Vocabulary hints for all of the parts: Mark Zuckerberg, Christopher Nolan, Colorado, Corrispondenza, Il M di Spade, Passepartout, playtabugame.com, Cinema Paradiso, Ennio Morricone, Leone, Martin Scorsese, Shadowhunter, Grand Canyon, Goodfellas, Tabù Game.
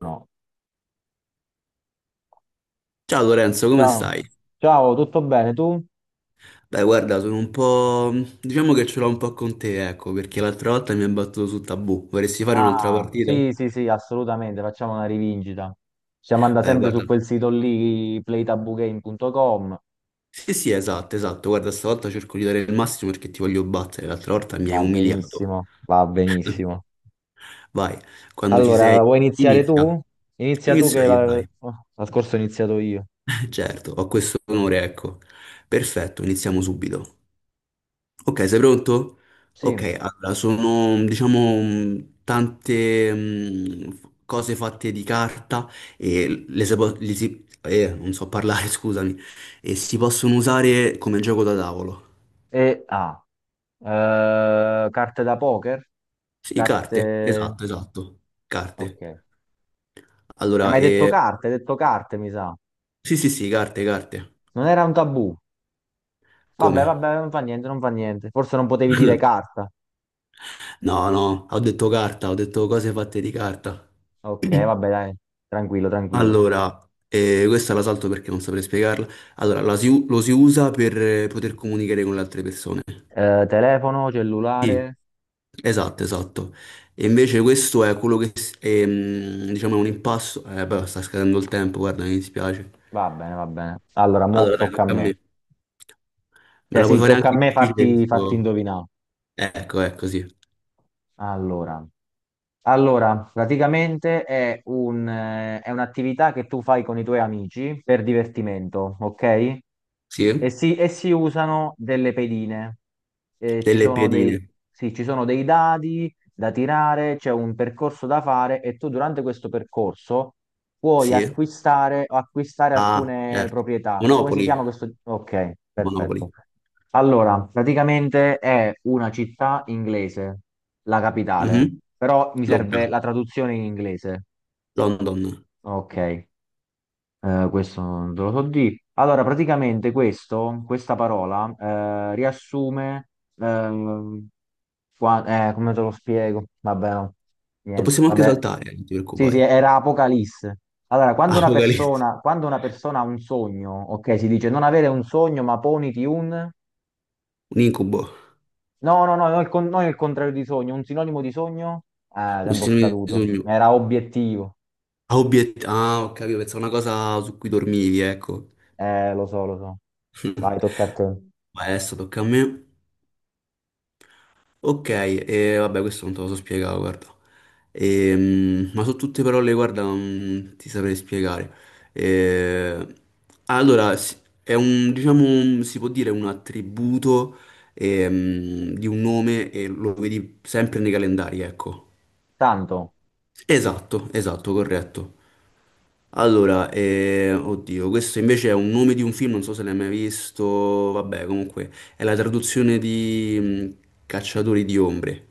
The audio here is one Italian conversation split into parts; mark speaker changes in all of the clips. Speaker 1: No.
Speaker 2: Ciao Lorenzo, come
Speaker 1: Ciao,
Speaker 2: stai?
Speaker 1: ciao, tutto bene tu?
Speaker 2: Beh, guarda, diciamo che ce l'ho un po' con te, ecco, perché l'altra volta mi hai battuto su Tabù. Vorresti fare un'altra
Speaker 1: Ah,
Speaker 2: partita?
Speaker 1: sì, sì, sì, assolutamente, facciamo una rivincita. Ci manda
Speaker 2: Beh,
Speaker 1: sempre
Speaker 2: guarda.
Speaker 1: su quel sito lì, playtabugame.com.
Speaker 2: Sì, sì, esatto, esatto. Guarda, stavolta cerco di dare il massimo perché ti voglio battere. L'altra volta mi hai
Speaker 1: Va
Speaker 2: umiliato.
Speaker 1: benissimo, va benissimo.
Speaker 2: Vai, quando ci
Speaker 1: Allora,
Speaker 2: sei,
Speaker 1: vuoi iniziare
Speaker 2: inizia.
Speaker 1: tu? Inizia tu
Speaker 2: Inizio
Speaker 1: che
Speaker 2: io,
Speaker 1: la,
Speaker 2: dai.
Speaker 1: oh, la scorsa ho iniziato io.
Speaker 2: Certo, ho questo onore, ecco. Perfetto, iniziamo subito. Ok, sei pronto?
Speaker 1: Sì.
Speaker 2: Ok, allora sono diciamo tante cose fatte di carta e le si po- li si- non so parlare, scusami, e si possono usare come gioco da tavolo.
Speaker 1: E carte da poker?
Speaker 2: Sì, carte,
Speaker 1: Carte...
Speaker 2: esatto, esatto,
Speaker 1: Ok.
Speaker 2: carte.
Speaker 1: Hai
Speaker 2: Allora,
Speaker 1: mai detto
Speaker 2: eh,
Speaker 1: carte? Hai detto carte, mi sa.
Speaker 2: sì, sì, sì, carte, carte.
Speaker 1: Non era un tabù. Vabbè,
Speaker 2: Come?
Speaker 1: vabbè, non fa niente, non fa niente. Forse non potevi dire carta.
Speaker 2: No, no, ho detto carta, ho detto cose fatte di carta.
Speaker 1: Ok, vabbè, dai, tranquillo, tranquillo.
Speaker 2: Allora, questa la salto perché non saprei spiegarla. Allora, lo si usa per poter comunicare con le altre persone.
Speaker 1: Telefono,
Speaker 2: Sì,
Speaker 1: cellulare,
Speaker 2: esatto, esatto. E invece questo è quello che, è, diciamo, è un impasto. Eh beh, sta scadendo il tempo, guarda, mi dispiace.
Speaker 1: va bene, va bene. Allora, mo
Speaker 2: Allora, dai,
Speaker 1: tocca a
Speaker 2: tocca a
Speaker 1: me.
Speaker 2: me. Me
Speaker 1: Cioè,
Speaker 2: la puoi
Speaker 1: sì,
Speaker 2: fare anche
Speaker 1: tocca a
Speaker 2: più
Speaker 1: me
Speaker 2: difficile
Speaker 1: farti
Speaker 2: questo?
Speaker 1: indovinare.
Speaker 2: Ecco, ecco, sì.
Speaker 1: Allora, allora, praticamente è un'attività che tu fai con i tuoi amici per divertimento, ok? E
Speaker 2: Sì?
Speaker 1: si, e si usano delle pedine. Eh, ci
Speaker 2: Delle
Speaker 1: sono dei,
Speaker 2: piedine.
Speaker 1: sì, ci sono dei dadi da tirare, c'è un percorso da fare e tu durante questo percorso puoi
Speaker 2: Sì.
Speaker 1: acquistare o acquistare
Speaker 2: Ah,
Speaker 1: alcune
Speaker 2: certo.
Speaker 1: proprietà. Come si
Speaker 2: Monopoli.
Speaker 1: chiama questo? Ok, perfetto.
Speaker 2: Monopoli.
Speaker 1: Allora, praticamente è una città inglese, la capitale,
Speaker 2: Mhm.
Speaker 1: però mi
Speaker 2: Londra.
Speaker 1: serve la traduzione in inglese.
Speaker 2: London.
Speaker 1: Ok. Questo non te lo so di. Allora, praticamente questa parola riassume, ehm, come te lo spiego? Vabbè, no,
Speaker 2: Lo
Speaker 1: niente,
Speaker 2: possiamo anche
Speaker 1: vabbè.
Speaker 2: saltare, non ti
Speaker 1: Sì, sì,
Speaker 2: preoccupare.
Speaker 1: era Apocalisse. Allora, quando una
Speaker 2: Apocalisse,
Speaker 1: persona, quando una persona ha un sogno, ok, si dice non avere un sogno, ma poniti un...
Speaker 2: un incubo,
Speaker 1: No, no, no, non il contrario di sogno, un sinonimo di sogno?
Speaker 2: un
Speaker 1: Tempo
Speaker 2: sinonimo di
Speaker 1: scaduto.
Speaker 2: sogno.
Speaker 1: Era obiettivo.
Speaker 2: Ah, ho capito, pensavo una cosa su cui dormivi, ecco.
Speaker 1: Lo so, lo so. Vai, tocca a te.
Speaker 2: Vai, adesso tocca a me. Ok, e vabbè, questo non te lo so spiegare, guarda. Ma su tutte parole, guarda, non ti saprei spiegare. Eh, allora, è un, diciamo, si può dire un attributo di un nome e lo vedi sempre nei calendari, ecco.
Speaker 1: Tanto.
Speaker 2: Esatto, esatto, corretto. Allora, oddio, questo invece è un nome di un film, non so se l'hai mai visto, vabbè, comunque è la traduzione di Cacciatori di ombre.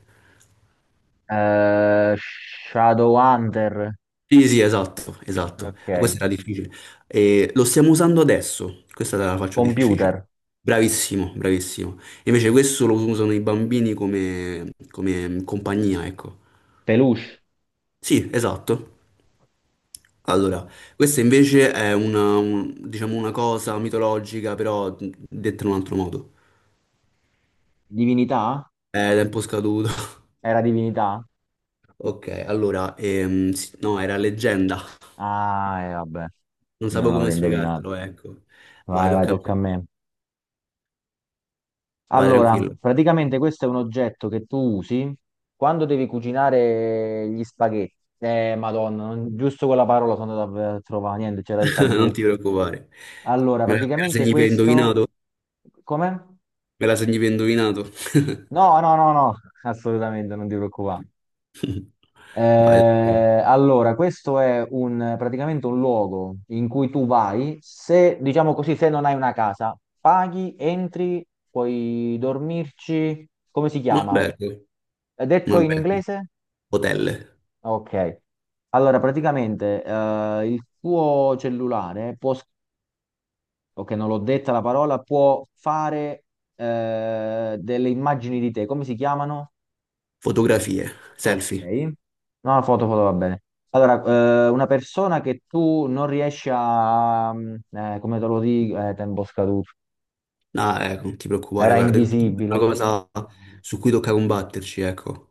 Speaker 1: Shadowhunter.
Speaker 2: Sì, sì, esatto, esatto. Eh,
Speaker 1: Ok.
Speaker 2: Questa era difficile. Lo stiamo usando adesso, questa te la faccio
Speaker 1: Computer.
Speaker 2: difficile. Bravissimo, bravissimo. Invece questo lo usano i bambini come compagnia, ecco.
Speaker 1: Peluche.
Speaker 2: Sì, esatto.
Speaker 1: No.
Speaker 2: Allora, questa invece è una, diciamo una cosa mitologica, però detta in un altro modo.
Speaker 1: Divinità?
Speaker 2: È tempo scaduto.
Speaker 1: Era divinità?
Speaker 2: Ok, allora, no, era leggenda.
Speaker 1: Ah, e vabbè.
Speaker 2: Non
Speaker 1: Non
Speaker 2: sapevo come
Speaker 1: l'avrei indovinato.
Speaker 2: spiegartelo, ecco. Vai,
Speaker 1: Vai, vai,
Speaker 2: tocca a
Speaker 1: tocca a
Speaker 2: me.
Speaker 1: me.
Speaker 2: Vai
Speaker 1: Allora,
Speaker 2: tranquillo.
Speaker 1: praticamente questo è un oggetto che tu usi quando devi cucinare gli spaghetti. Madonna, giusto quella parola sono andato a trovare. Niente, c'era il
Speaker 2: Non
Speaker 1: tabù.
Speaker 2: ti preoccupare.
Speaker 1: Allora,
Speaker 2: Me la
Speaker 1: praticamente
Speaker 2: segni per
Speaker 1: questo...
Speaker 2: indovinato?
Speaker 1: Come?
Speaker 2: Me la segni per indovinato?
Speaker 1: No, no, no, no, assolutamente, non ti preoccupare.
Speaker 2: Vai tranquillo.
Speaker 1: Allora, questo è un, praticamente un luogo in cui tu vai, se, diciamo così, se non hai una casa, paghi, entri, puoi dormirci, come si
Speaker 2: Un
Speaker 1: chiama?
Speaker 2: albergo,
Speaker 1: È
Speaker 2: un
Speaker 1: detto in
Speaker 2: albergo.
Speaker 1: inglese?
Speaker 2: Hotel,
Speaker 1: Ok. Allora, praticamente il tuo cellulare può, ok, non l'ho detta la parola, può fare delle immagini di te, come si chiamano?
Speaker 2: fotografie,
Speaker 1: Ok.
Speaker 2: selfie.
Speaker 1: No, la foto, foto va bene. Allora, una persona che tu non riesci a... come te lo dico? Tempo scaduto.
Speaker 2: No, ecco, non ti preoccupare,
Speaker 1: Era
Speaker 2: guarda, il team è
Speaker 1: invisibile.
Speaker 2: una cosa su cui tocca combatterci, ecco.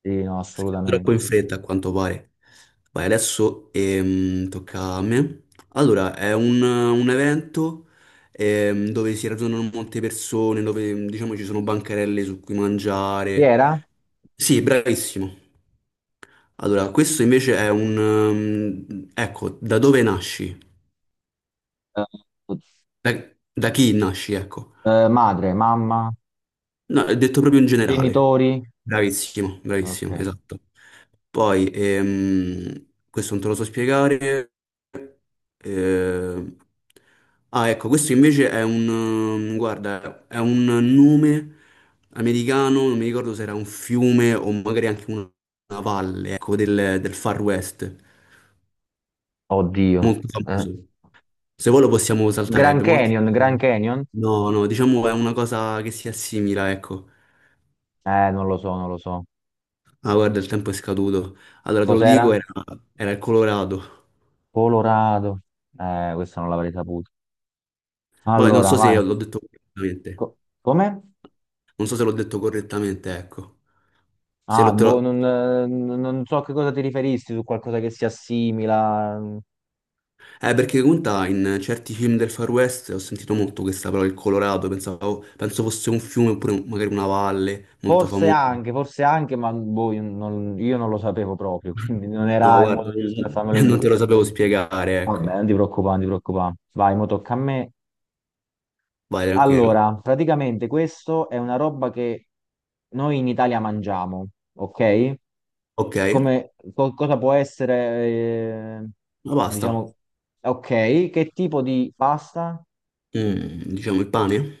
Speaker 1: Sì, no,
Speaker 2: Troppo
Speaker 1: assolutamente.
Speaker 2: in fretta, a quanto pare. Vai, adesso tocca a me. Allora, è un evento dove si radunano molte persone, dove diciamo ci sono bancarelle su cui
Speaker 1: Chi
Speaker 2: mangiare.
Speaker 1: era?
Speaker 2: Sì, bravissimo. Allora, questo invece è ecco, da dove nasci?
Speaker 1: Eh,
Speaker 2: Da, da chi nasci, ecco.
Speaker 1: Madre, mamma,
Speaker 2: No, è detto proprio in generale.
Speaker 1: genitori?
Speaker 2: Bravissimo,
Speaker 1: Ok.
Speaker 2: bravissimo, esatto. Poi, questo non te lo so spiegare. eh, ah, ecco, questo invece è un, guarda, è un nome americano, non mi ricordo se era un fiume o magari anche una valle, ecco, del Far West,
Speaker 1: Oddio.
Speaker 2: molto
Speaker 1: Eh,
Speaker 2: famoso. Se vuoi lo possiamo saltare,
Speaker 1: Grand
Speaker 2: abbiamo altri.
Speaker 1: Canyon, Grand Canyon?
Speaker 2: No, no, diciamo è una cosa che si assimila, ecco.
Speaker 1: Non lo so, non lo so.
Speaker 2: Ah, guarda, il tempo è scaduto. Allora, te lo
Speaker 1: Cos'era?
Speaker 2: dico, era il Colorado.
Speaker 1: Colorado. Questa non l'avrei saputo.
Speaker 2: Ma non
Speaker 1: Allora,
Speaker 2: so se
Speaker 1: vai.
Speaker 2: l'ho detto correttamente.
Speaker 1: Co- Come?
Speaker 2: Non so se l'ho detto correttamente, ecco. Se
Speaker 1: Ah,
Speaker 2: lo, te
Speaker 1: boh,
Speaker 2: lo-
Speaker 1: non so a che cosa ti riferissi, su qualcosa che si assimila.
Speaker 2: Perché conta, in certi film del Far West ho sentito molto questa parola, il Colorado. Pensavo, penso fosse un fiume oppure magari una valle molto famosa.
Speaker 1: Forse anche, ma boh, io non lo sapevo proprio, quindi non
Speaker 2: No,
Speaker 1: era il
Speaker 2: guarda,
Speaker 1: modo giusto per farmelo
Speaker 2: non te
Speaker 1: indovinare.
Speaker 2: lo sapevo spiegare,
Speaker 1: Vabbè,
Speaker 2: ecco.
Speaker 1: non ti preoccupare, non ti preoccupare. Vai, mo tocca a me.
Speaker 2: Vai, tranquillo.
Speaker 1: Allora, praticamente questo è una roba che noi in Italia mangiamo, ok?
Speaker 2: Ok,
Speaker 1: Cosa può essere,
Speaker 2: la pasta.
Speaker 1: diciamo, ok, che tipo di pasta?
Speaker 2: Diciamo il pane.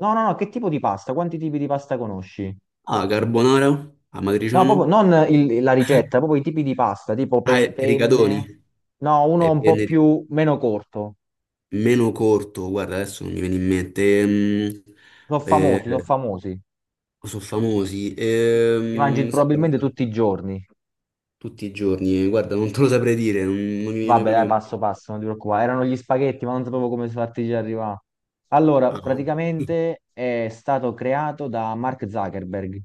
Speaker 1: No, no, no, che tipo di pasta? Quanti tipi di pasta conosci?
Speaker 2: Ah, carbonara,
Speaker 1: No,
Speaker 2: amatriciano.
Speaker 1: proprio non la ricetta, proprio i tipi di pasta, tipo
Speaker 2: Ah,
Speaker 1: pen-
Speaker 2: e rigatoni.
Speaker 1: penne. No, uno
Speaker 2: È
Speaker 1: un po'
Speaker 2: venere-
Speaker 1: più meno corto.
Speaker 2: meno corto, guarda, adesso non mi viene in mente.
Speaker 1: Sono
Speaker 2: Eh,
Speaker 1: famosi, sono famosi.
Speaker 2: sono famosi.
Speaker 1: Li mangi
Speaker 2: Sai,
Speaker 1: probabilmente
Speaker 2: guarda,
Speaker 1: tutti i giorni.
Speaker 2: tutti i giorni, guarda, non te lo saprei dire, non mi viene
Speaker 1: Vabbè,
Speaker 2: proprio
Speaker 1: dai,
Speaker 2: in
Speaker 1: passo
Speaker 2: mente.
Speaker 1: passo, non ti preoccupare. Erano gli spaghetti, ma non sapevo come farti arrivare. Allora,
Speaker 2: Ah, no.
Speaker 1: praticamente è stato creato da Mark Zuckerberg,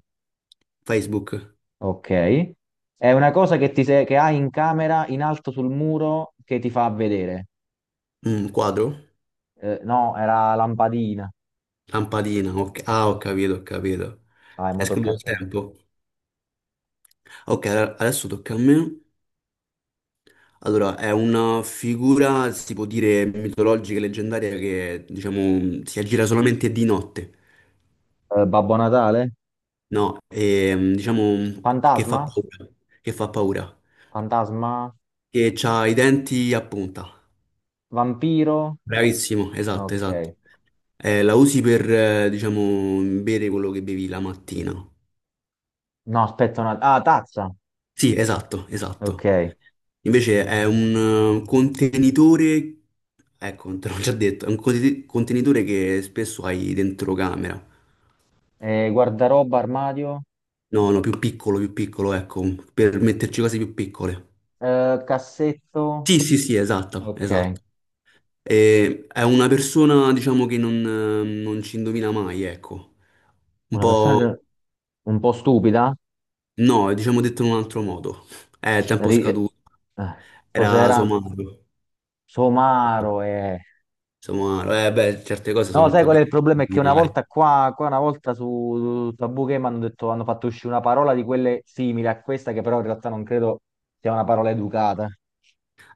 Speaker 2: Facebook,
Speaker 1: ok? È una cosa che, ti se- che hai in camera in alto sul muro che ti fa vedere.
Speaker 2: Quadro,
Speaker 1: No, era lampadina.
Speaker 2: lampadina, ok. Ah, ho capito, ho capito.
Speaker 1: Dai,
Speaker 2: È
Speaker 1: mo tocca
Speaker 2: scritto
Speaker 1: a
Speaker 2: il
Speaker 1: te.
Speaker 2: tempo. Ok, allora, adesso tocca a me. Allora, è una figura, si può dire, mitologica e leggendaria che, diciamo, si aggira solamente di notte.
Speaker 1: Babbo Natale?
Speaker 2: No, diciamo che fa
Speaker 1: Fantasma?
Speaker 2: paura, che fa paura,
Speaker 1: Fantasma?
Speaker 2: che ha i denti a punta.
Speaker 1: Vampiro?
Speaker 2: Bravissimo, esatto,
Speaker 1: Ok.
Speaker 2: esatto. La usi per, diciamo, bere quello che bevi la mattina.
Speaker 1: No, aspetta una, ah, tazza.
Speaker 2: Sì, esatto,
Speaker 1: Ok.
Speaker 2: esatto. Invece è un contenitore, ecco, te l'ho già detto, è un contenitore che spesso hai dentro camera.
Speaker 1: Guardaroba, armadio?
Speaker 2: No, no, più piccolo, ecco, per metterci cose più piccole.
Speaker 1: Cassetto?
Speaker 2: Sì, sì, sì, esatto,
Speaker 1: Ok.
Speaker 2: esatto. E è una persona, diciamo, che non ci indovina mai, ecco. Un
Speaker 1: Una persona
Speaker 2: po'.
Speaker 1: che, un po' stupida?
Speaker 2: No, diciamo detto in un altro modo. È il tempo
Speaker 1: Ri- eh,
Speaker 2: scaduto. Era
Speaker 1: Cos'era?
Speaker 2: somaro.
Speaker 1: Somaro, eh.
Speaker 2: Somaro. Eh beh, certe cose sono
Speaker 1: No,
Speaker 2: un
Speaker 1: sai
Speaker 2: po'
Speaker 1: qual è il
Speaker 2: difficili
Speaker 1: problema? È
Speaker 2: da
Speaker 1: che
Speaker 2: indovinare.
Speaker 1: qua una volta su Tabù Game hanno fatto uscire una parola di quelle simili a questa, che però in realtà non credo sia una parola educata.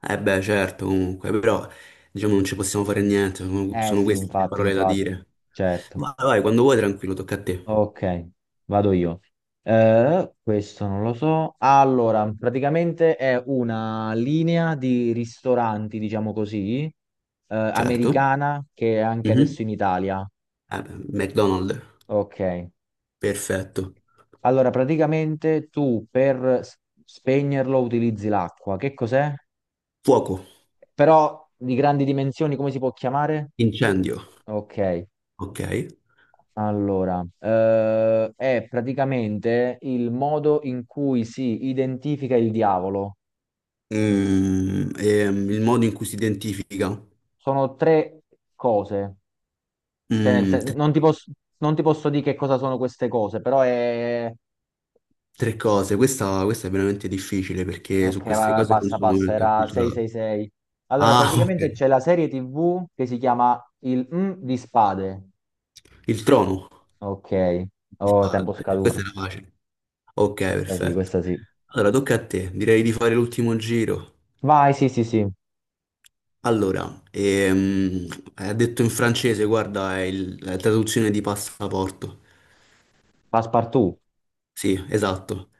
Speaker 2: Eh beh, certo, comunque. Però, diciamo, non ci possiamo fare niente. Sono,
Speaker 1: Eh
Speaker 2: sono
Speaker 1: sì,
Speaker 2: queste le
Speaker 1: infatti,
Speaker 2: parole da
Speaker 1: infatti,
Speaker 2: dire.
Speaker 1: certo.
Speaker 2: Vai, vai, quando vuoi, tranquillo, tocca a te.
Speaker 1: Ok, vado io. Questo non lo so. Allora, praticamente è una linea di ristoranti, diciamo così,
Speaker 2: Certo.
Speaker 1: americana, che è anche
Speaker 2: Mhm.
Speaker 1: adesso in Italia.
Speaker 2: Eh beh, McDonald's.
Speaker 1: Ok.
Speaker 2: Perfetto.
Speaker 1: Allora, praticamente tu per spegnerlo utilizzi l'acqua. Che cos'è?
Speaker 2: Fuoco.
Speaker 1: Però di grandi dimensioni, come si può chiamare?
Speaker 2: Incendio.
Speaker 1: Ok,
Speaker 2: Ok.
Speaker 1: allora, è praticamente il modo in cui si identifica il diavolo.
Speaker 2: Il modo in cui si identifica.
Speaker 1: Sono tre cose. Cioè,
Speaker 2: Tre,
Speaker 1: non ti posso, non ti posso dire che cosa sono queste cose, però è...
Speaker 2: tre cose. Questa è veramente difficile perché
Speaker 1: Ok,
Speaker 2: su
Speaker 1: vai,
Speaker 2: queste
Speaker 1: vai,
Speaker 2: cose non
Speaker 1: passa,
Speaker 2: sono
Speaker 1: passa,
Speaker 2: veramente
Speaker 1: era
Speaker 2: acculturato.
Speaker 1: 666. Allora,
Speaker 2: Ah,
Speaker 1: praticamente
Speaker 2: ok.
Speaker 1: c'è la serie TV che si chiama Il M di Spade.
Speaker 2: Il trono.
Speaker 1: Ok,
Speaker 2: Il
Speaker 1: oh,
Speaker 2: padre.
Speaker 1: tempo
Speaker 2: Questa
Speaker 1: scaduto.
Speaker 2: era facile. Ok,
Speaker 1: Questa sì,
Speaker 2: perfetto.
Speaker 1: questa sì.
Speaker 2: Allora, tocca a te. Direi di fare l'ultimo giro.
Speaker 1: Vai, sì, sì, sì.
Speaker 2: Allora, ha detto in francese, guarda, è la traduzione di passaporto.
Speaker 1: Passepartout.
Speaker 2: Sì, esatto.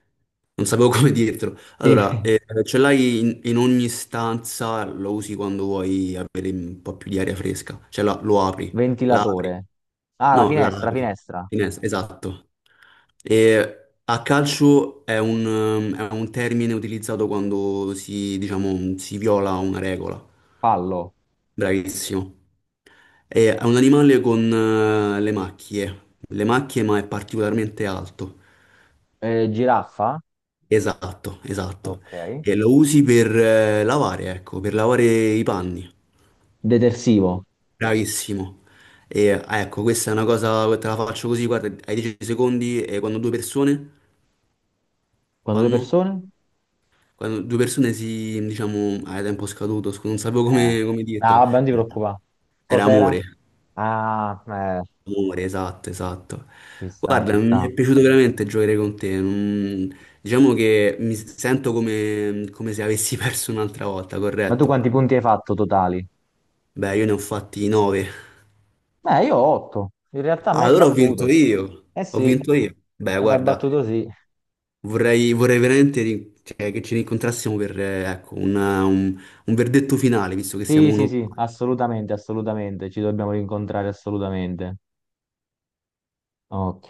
Speaker 2: Non sapevo come dirtelo.
Speaker 1: Sì.
Speaker 2: Allora, eh, ce l'hai in ogni stanza, lo usi quando vuoi avere un po' più di aria fresca. Cioè, lo apri, la apri.
Speaker 1: Ventilatore. Ah, la
Speaker 2: No, la
Speaker 1: finestra,
Speaker 2: apri.
Speaker 1: finestra.
Speaker 2: Esatto. E a calcio è un termine utilizzato quando si, diciamo, viola una regola.
Speaker 1: Fallo.
Speaker 2: Bravissimo. È un animale con le macchie. Le macchie, ma è particolarmente alto.
Speaker 1: Giraffa.
Speaker 2: Esatto, esatto.
Speaker 1: Ok.
Speaker 2: E lo usi per lavare, ecco, per lavare i panni.
Speaker 1: Detersivo.
Speaker 2: Bravissimo. E ah, ecco, questa è una cosa, te la faccio così, guarda, ai 10 secondi e quando due persone
Speaker 1: Quando due
Speaker 2: fanno,
Speaker 1: persone?
Speaker 2: quando due persone si, diciamo, a tempo scaduto, scusa, non sapevo
Speaker 1: Eh.
Speaker 2: come
Speaker 1: Ah,
Speaker 2: dirtelo.
Speaker 1: vabbè, non ti preoccupare.
Speaker 2: Era
Speaker 1: Cos'era?
Speaker 2: amore,
Speaker 1: Ah,
Speaker 2: amore, esatto, esatto.
Speaker 1: ci sta, ci
Speaker 2: Guarda, mi
Speaker 1: sta.
Speaker 2: è piaciuto veramente giocare con te. Diciamo che mi sento come, come se avessi perso un'altra volta,
Speaker 1: Ma tu
Speaker 2: corretto?
Speaker 1: quanti punti hai fatto totali?
Speaker 2: Beh, io ne ho fatti nove.
Speaker 1: Beh, io ho 8. In realtà mi
Speaker 2: Ah,
Speaker 1: hai
Speaker 2: allora ho vinto
Speaker 1: battuto.
Speaker 2: io.
Speaker 1: Eh
Speaker 2: Ho
Speaker 1: sì,
Speaker 2: vinto io. Beh,
Speaker 1: e mi hai
Speaker 2: guarda,
Speaker 1: battuto sì.
Speaker 2: vorrei veramente cioè, che ci rincontrassimo per, ecco, un verdetto finale, visto che siamo
Speaker 1: Sì, sì,
Speaker 2: uno.
Speaker 1: sì, assolutamente, assolutamente, ci dobbiamo rincontrare assolutamente. Ok.